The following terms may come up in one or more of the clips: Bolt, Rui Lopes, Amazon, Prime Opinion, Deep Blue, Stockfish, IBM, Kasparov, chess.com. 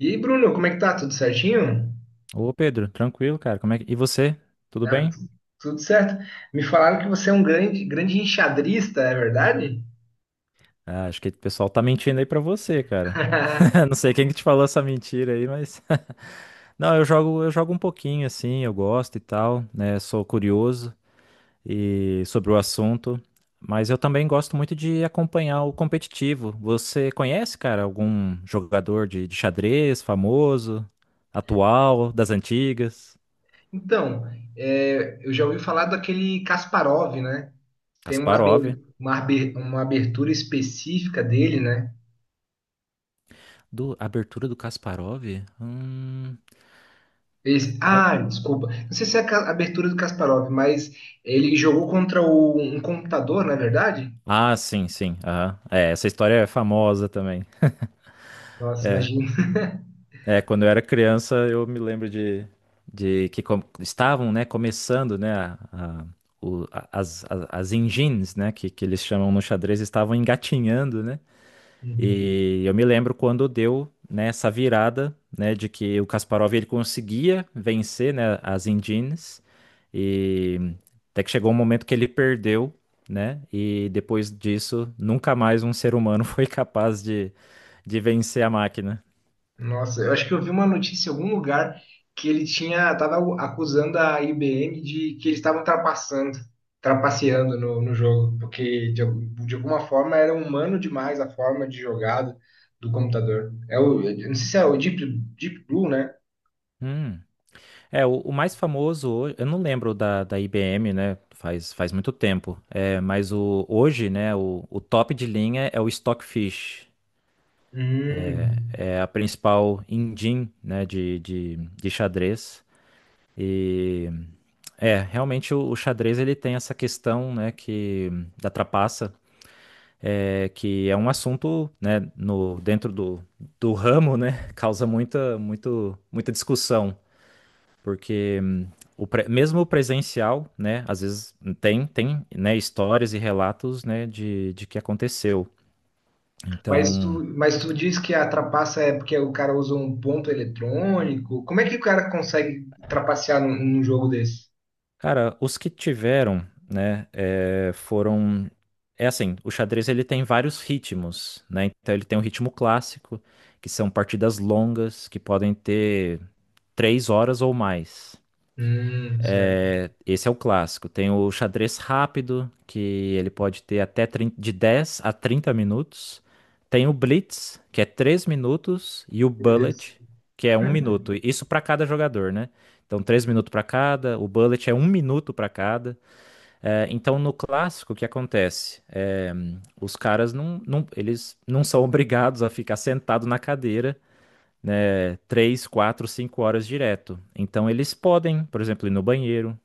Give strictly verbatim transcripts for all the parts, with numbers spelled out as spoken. E Bruno, como é que tá? Tudo certinho? Ô Pedro, tranquilo, cara. Como é que... E você? Tudo Ah, bem? tu- Tudo certo. Me falaram que você é um grande, grande enxadrista, é verdade? Ah, acho que o pessoal tá mentindo aí pra você, cara. Não sei quem que te falou essa mentira aí, mas não, eu jogo, eu jogo um pouquinho assim, eu gosto e tal, né? Sou curioso e sobre o assunto, mas eu também gosto muito de acompanhar o competitivo. Você conhece, cara, algum jogador de, de xadrez famoso, atual, das antigas? Então, é, eu já ouvi falar daquele Kasparov, né? Tem uma, abe- Kasparov. uma abe- uma abertura específica dele, né? Do abertura do Kasparov? Hum, Esse- ah, desculpa. Não sei se é a ca- abertura do Kasparov, mas ele jogou contra o- um computador, não é verdade? Ah, sim, sim. Aham. É, essa história é famosa também. Nossa, É, imagina. é, quando eu era criança, eu me lembro de, de que com- estavam, né, começando, né, a- a- o- a- as, as, as engines, né, que, que eles chamam no xadrez, estavam engatinhando, né? E eu me lembro quando deu, né, essa virada, né, de que o Kasparov ele conseguia vencer, né, as Indians e até que chegou um momento que ele perdeu, né, e depois disso nunca mais um ser humano foi capaz de, de vencer a máquina. Nossa, eu acho que eu vi uma notícia em algum lugar que ele tinha, tava acusando a I B M de que eles estavam trapaçando, trapaceando no, no jogo, porque de, al- de alguma forma era humano demais a forma de jogada do computador. É o, eu não sei se é o Deep, Deep Blue, né? Hum. É, o, o mais famoso, ho- eu não lembro da, da I B M, né? Faz, faz muito tempo. É, mas o, hoje, né, o, o top de linha é o Stockfish, Hum. é a principal engine, né, de, de, de xadrez. E é, realmente o, o xadrez ele tem essa questão, né, que da trapaça, é, que é um assunto, né, no, dentro do, do ramo, né, causa muita, muito, muita discussão, porque hum, o pre- mesmo o presencial, né, às vezes tem, tem, né, histórias e relatos, né, de, de que aconteceu. Mas Então, tu, mas tu diz que a trapaça é porque o cara usa um ponto eletrônico. Como é que o cara consegue trapacear num, num jogo desse? cara, os que tiveram, né, é, foram. É assim, o xadrez ele tem vários ritmos, né? Então ele tem um ritmo clássico, que são partidas longas, que podem ter três horas ou mais. Hum, certo. É, esse é o clássico. Tem o xadrez rápido, que ele pode ter até trinta de dez a trinta minutos. Tem o blitz, que é três minutos, e o Meu Deus. bullet, que é um minuto. Isso para cada jogador, né? Então, três minutos para cada, o bullet é um minuto para cada. É, então, no clássico, o que acontece? É, os caras não, não- eles não são obrigados a ficar sentado na cadeira, né, três, quatro, cinco horas direto. Então, eles podem, por exemplo, ir no banheiro,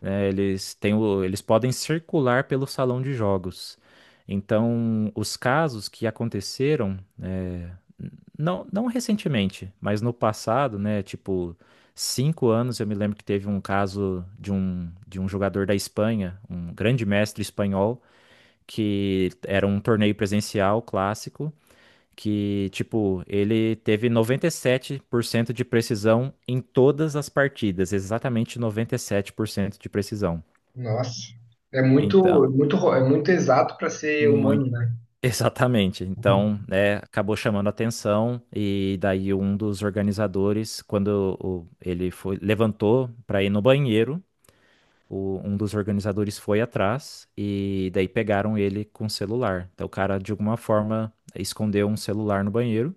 né, eles têm o- eles podem circular pelo salão de jogos. Então, os casos que aconteceram é. Não, não recentemente, mas no passado, né? Tipo, cinco anos eu me lembro que teve um caso de um, de um jogador da Espanha, um grande mestre espanhol, que era um torneio presencial clássico, que, tipo, ele teve noventa e sete por cento de precisão em todas as partidas, exatamente noventa e sete por cento de precisão. Nossa, é muito, Então. muito, ro- é muito exato para ser humano, né? Exatamente. Então, né, acabou chamando a atenção e daí um dos organizadores, quando o- ele foi, levantou para ir no banheiro, o- um dos organizadores foi atrás e daí pegaram ele com o celular. Então, o cara, de alguma forma, escondeu um celular no banheiro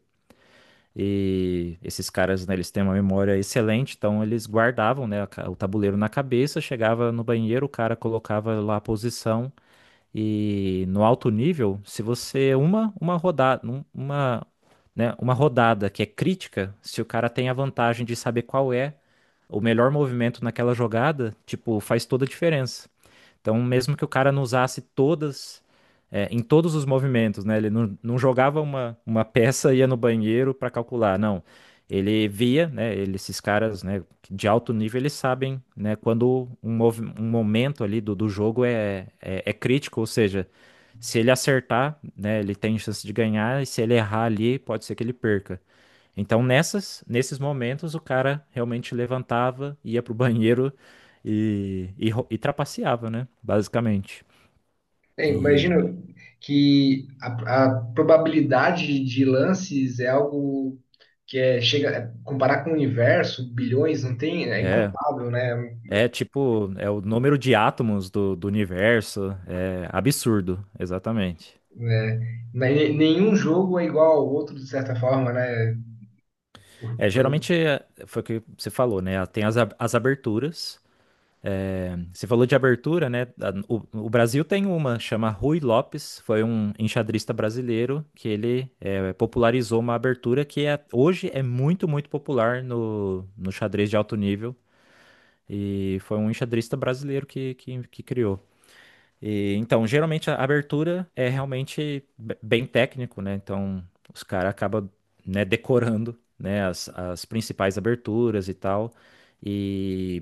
e esses caras, né, eles têm uma memória excelente, então eles guardavam, né, a ca- o tabuleiro na cabeça, chegava no banheiro, o cara colocava lá a posição e no alto nível, se você uma uma rodada, um- uma, né, uma rodada que é crítica, se o cara tem a vantagem de saber qual é o melhor movimento naquela jogada, tipo, faz toda a diferença. Então, mesmo que o cara não usasse todas, é, em todos os movimentos, né? Ele não, não jogava uma, uma peça, ia no banheiro para calcular, não. Ele via, né? Ele- esses caras, né, de alto nível, eles sabem, né, quando um, movi- um momento ali do, do jogo é, é, é crítico, ou seja, se ele acertar, né, ele tem chance de ganhar, e se ele errar ali, pode ser que ele perca. Então, nessas, nesses momentos, o cara realmente levantava, ia pro banheiro e, e, ro- e trapaceava, né? Basicamente. É, E imagino que a, a probabilidade de lances é algo que é, chega, é, comparar com o universo, bilhões, não tem, é é, incontável, né? é tipo, é o número de átomos do, do universo, é absurdo, exatamente. É, ne- nenhum jogo é igual ao outro, de certa forma, né? Por- É, pelo- geralmente é, foi o que você falou, né? Tem as, ab- as aberturas. É, você falou de abertura, né? A- O, o Brasil tem uma, chama Rui Lopes, foi um enxadrista brasileiro que ele é, popularizou uma abertura que é- hoje é muito, muito popular no, no xadrez de alto nível. E foi um enxadrista brasileiro que, que, que criou. E, então, geralmente a abertura é realmente be- bem técnico, né? Então, os caras acabam, né, decorando, né, as, as principais aberturas e tal. E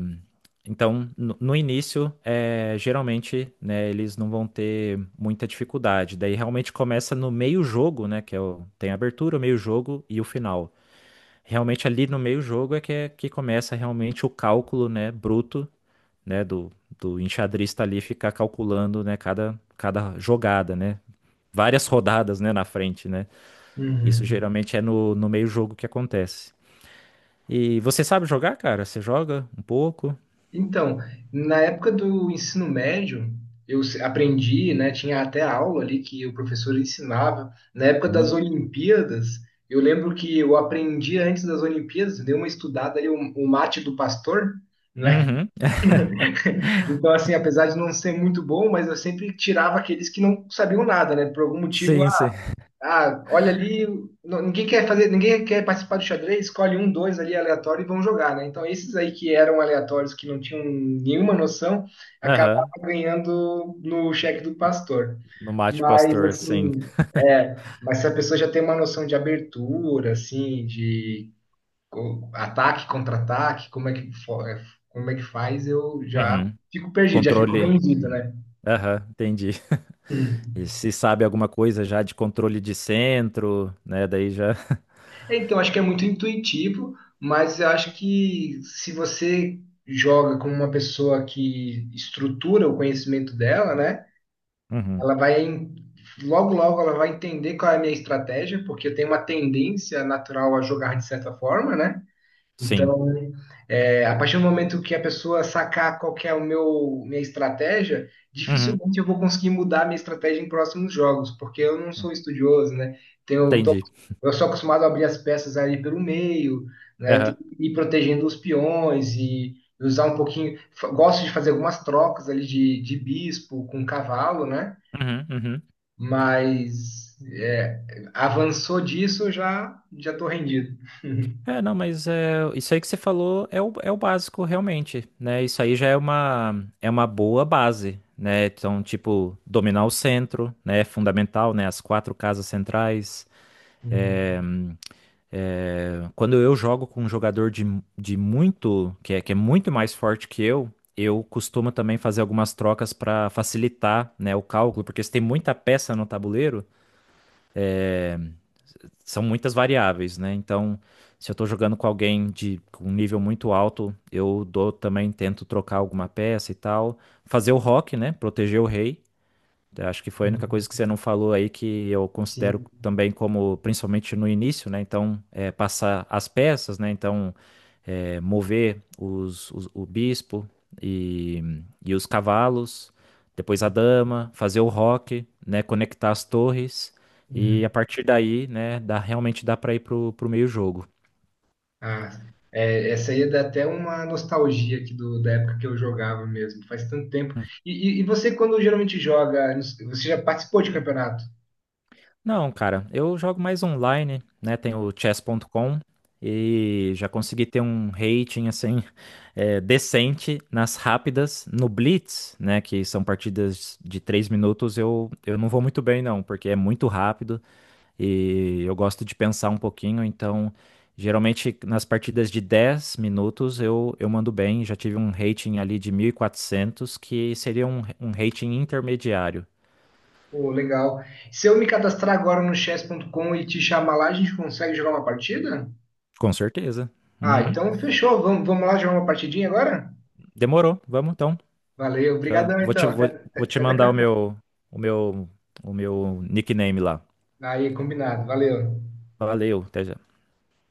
então, no, no início, é, geralmente, né, eles não vão ter muita dificuldade. Daí realmente começa no meio jogo, né, que é o, tem a abertura, o meio jogo e o final. Realmente ali no meio jogo é que, é que começa realmente o cálculo, né, bruto né, do, do enxadrista ali ficar calculando, né, cada, cada jogada, né, várias rodadas, né, na frente, né. Isso Uhum. geralmente é no, no meio jogo que acontece. E você sabe jogar, cara? Você joga um pouco? Então, na época do ensino médio, eu se- aprendi, né, tinha até aula ali que o professor ensinava. Na época das Olha. Olimpíadas, eu lembro que eu aprendi antes das Olimpíadas, dei uma estudada ali, o o mate do pastor, né? Uhum. Então, assim, apesar de não ser muito bom, mas eu sempre tirava aqueles que não sabiam nada, né? Por algum motivo Sim, sim. ah, olha ali, n- ninguém quer fazer, ninguém quer participar do xadrez, escolhe um, dois ali aleatório e vão jogar, né? Então esses aí que eram aleatórios, que não tinham nenhuma noção, acabavam Aham. ganhando no cheque do pastor. No Mate Mas Pastor, sim. assim, é, mas se a pessoa já tem uma noção de abertura, assim, de co- ataque, contra-ataque, como é que fo- é, como é que faz, eu já Uhum. fico perdido, já fico Controle. vendido, né? Aham, entendi. E Hum. se sabe alguma coisa já de controle de centro, né? Daí já. É, então, acho que é muito intuitivo, mas eu acho que se você joga com uma pessoa que estrutura o conhecimento dela, né? Uhum. Ela vai em- Logo logo ela vai entender qual é a minha estratégia, porque eu tenho uma tendência natural a jogar de certa forma, né? Sim. Então, é, a partir do momento que a pessoa sacar qual que é o meu minha estratégia, Uhum. dificilmente eu vou conseguir mudar a minha estratégia em próximos jogos, porque eu não sou estudioso, né? Tenho, tô- Entendi. eu sou acostumado a abrir as peças ali pelo meio, né? Tem Aham. que ir protegendo os peões e usar um pouquinho. fa- Gosto de fazer algumas trocas ali de, de bispo com cavalo, né? Uhum, uhum. Mas é, avançou disso, eu já já estou rendido. É, não, mas é, isso aí que você falou é o, é o básico realmente, né? Isso aí já é uma, é uma boa base, né? Então, tipo, dominar o centro, né? É fundamental, né? As quatro casas centrais. É, Uhum. é, quando eu jogo com um jogador de, de muito, que é, que é muito mais forte que eu, eu costumo também fazer algumas trocas para facilitar, né, o cálculo, porque se tem muita peça no tabuleiro são muitas variáveis, né? Então, se eu tô jogando com alguém de com um nível muito alto, eu dou também, tento trocar alguma peça e tal. Fazer o rock, né? Proteger o rei. Eu acho que foi a única Uhum. coisa que você não falou aí que eu considero Sim. também como, principalmente no início, né? Então, é, passar as peças, né? Então, é, mover os, os- o bispo e, e os cavalos, depois a dama, fazer o rock, né, conectar as torres e a Uhum. partir daí, né, dá, realmente dá para ir pro, pro meio jogo. Ah, é, essa aí dá até uma nostalgia aqui do, da época que eu jogava mesmo, faz tanto tempo. E, e, e você, quando geralmente joga, você já participou de campeonato? Não, cara, eu jogo mais online, né, tem o chess ponto com e já consegui ter um rating assim é, decente nas rápidas, no Blitz, né, que são partidas de três minutos, eu, eu não vou muito bem não, porque é muito rápido E eu gosto de pensar um pouquinho, então geralmente nas partidas de dez minutos eu, eu mando bem. Já tive um rating ali de mil e quatrocentos que seria um, um rating intermediário. Pô, legal. Se eu me cadastrar agora no chess. Ponto Com e te chamar lá, a gente consegue jogar uma partida? Com certeza. Ah, Uhum. então fechou. Vamos, vamos lá jogar uma partidinha agora? Demorou. Vamos então. Valeu, Já- obrigadão vou te, então. Até, vou, até vou te até daqui mandar a o pouco. meu, o meu, o meu nickname lá. Aí, combinado. Valeu. Valeu. Até, já.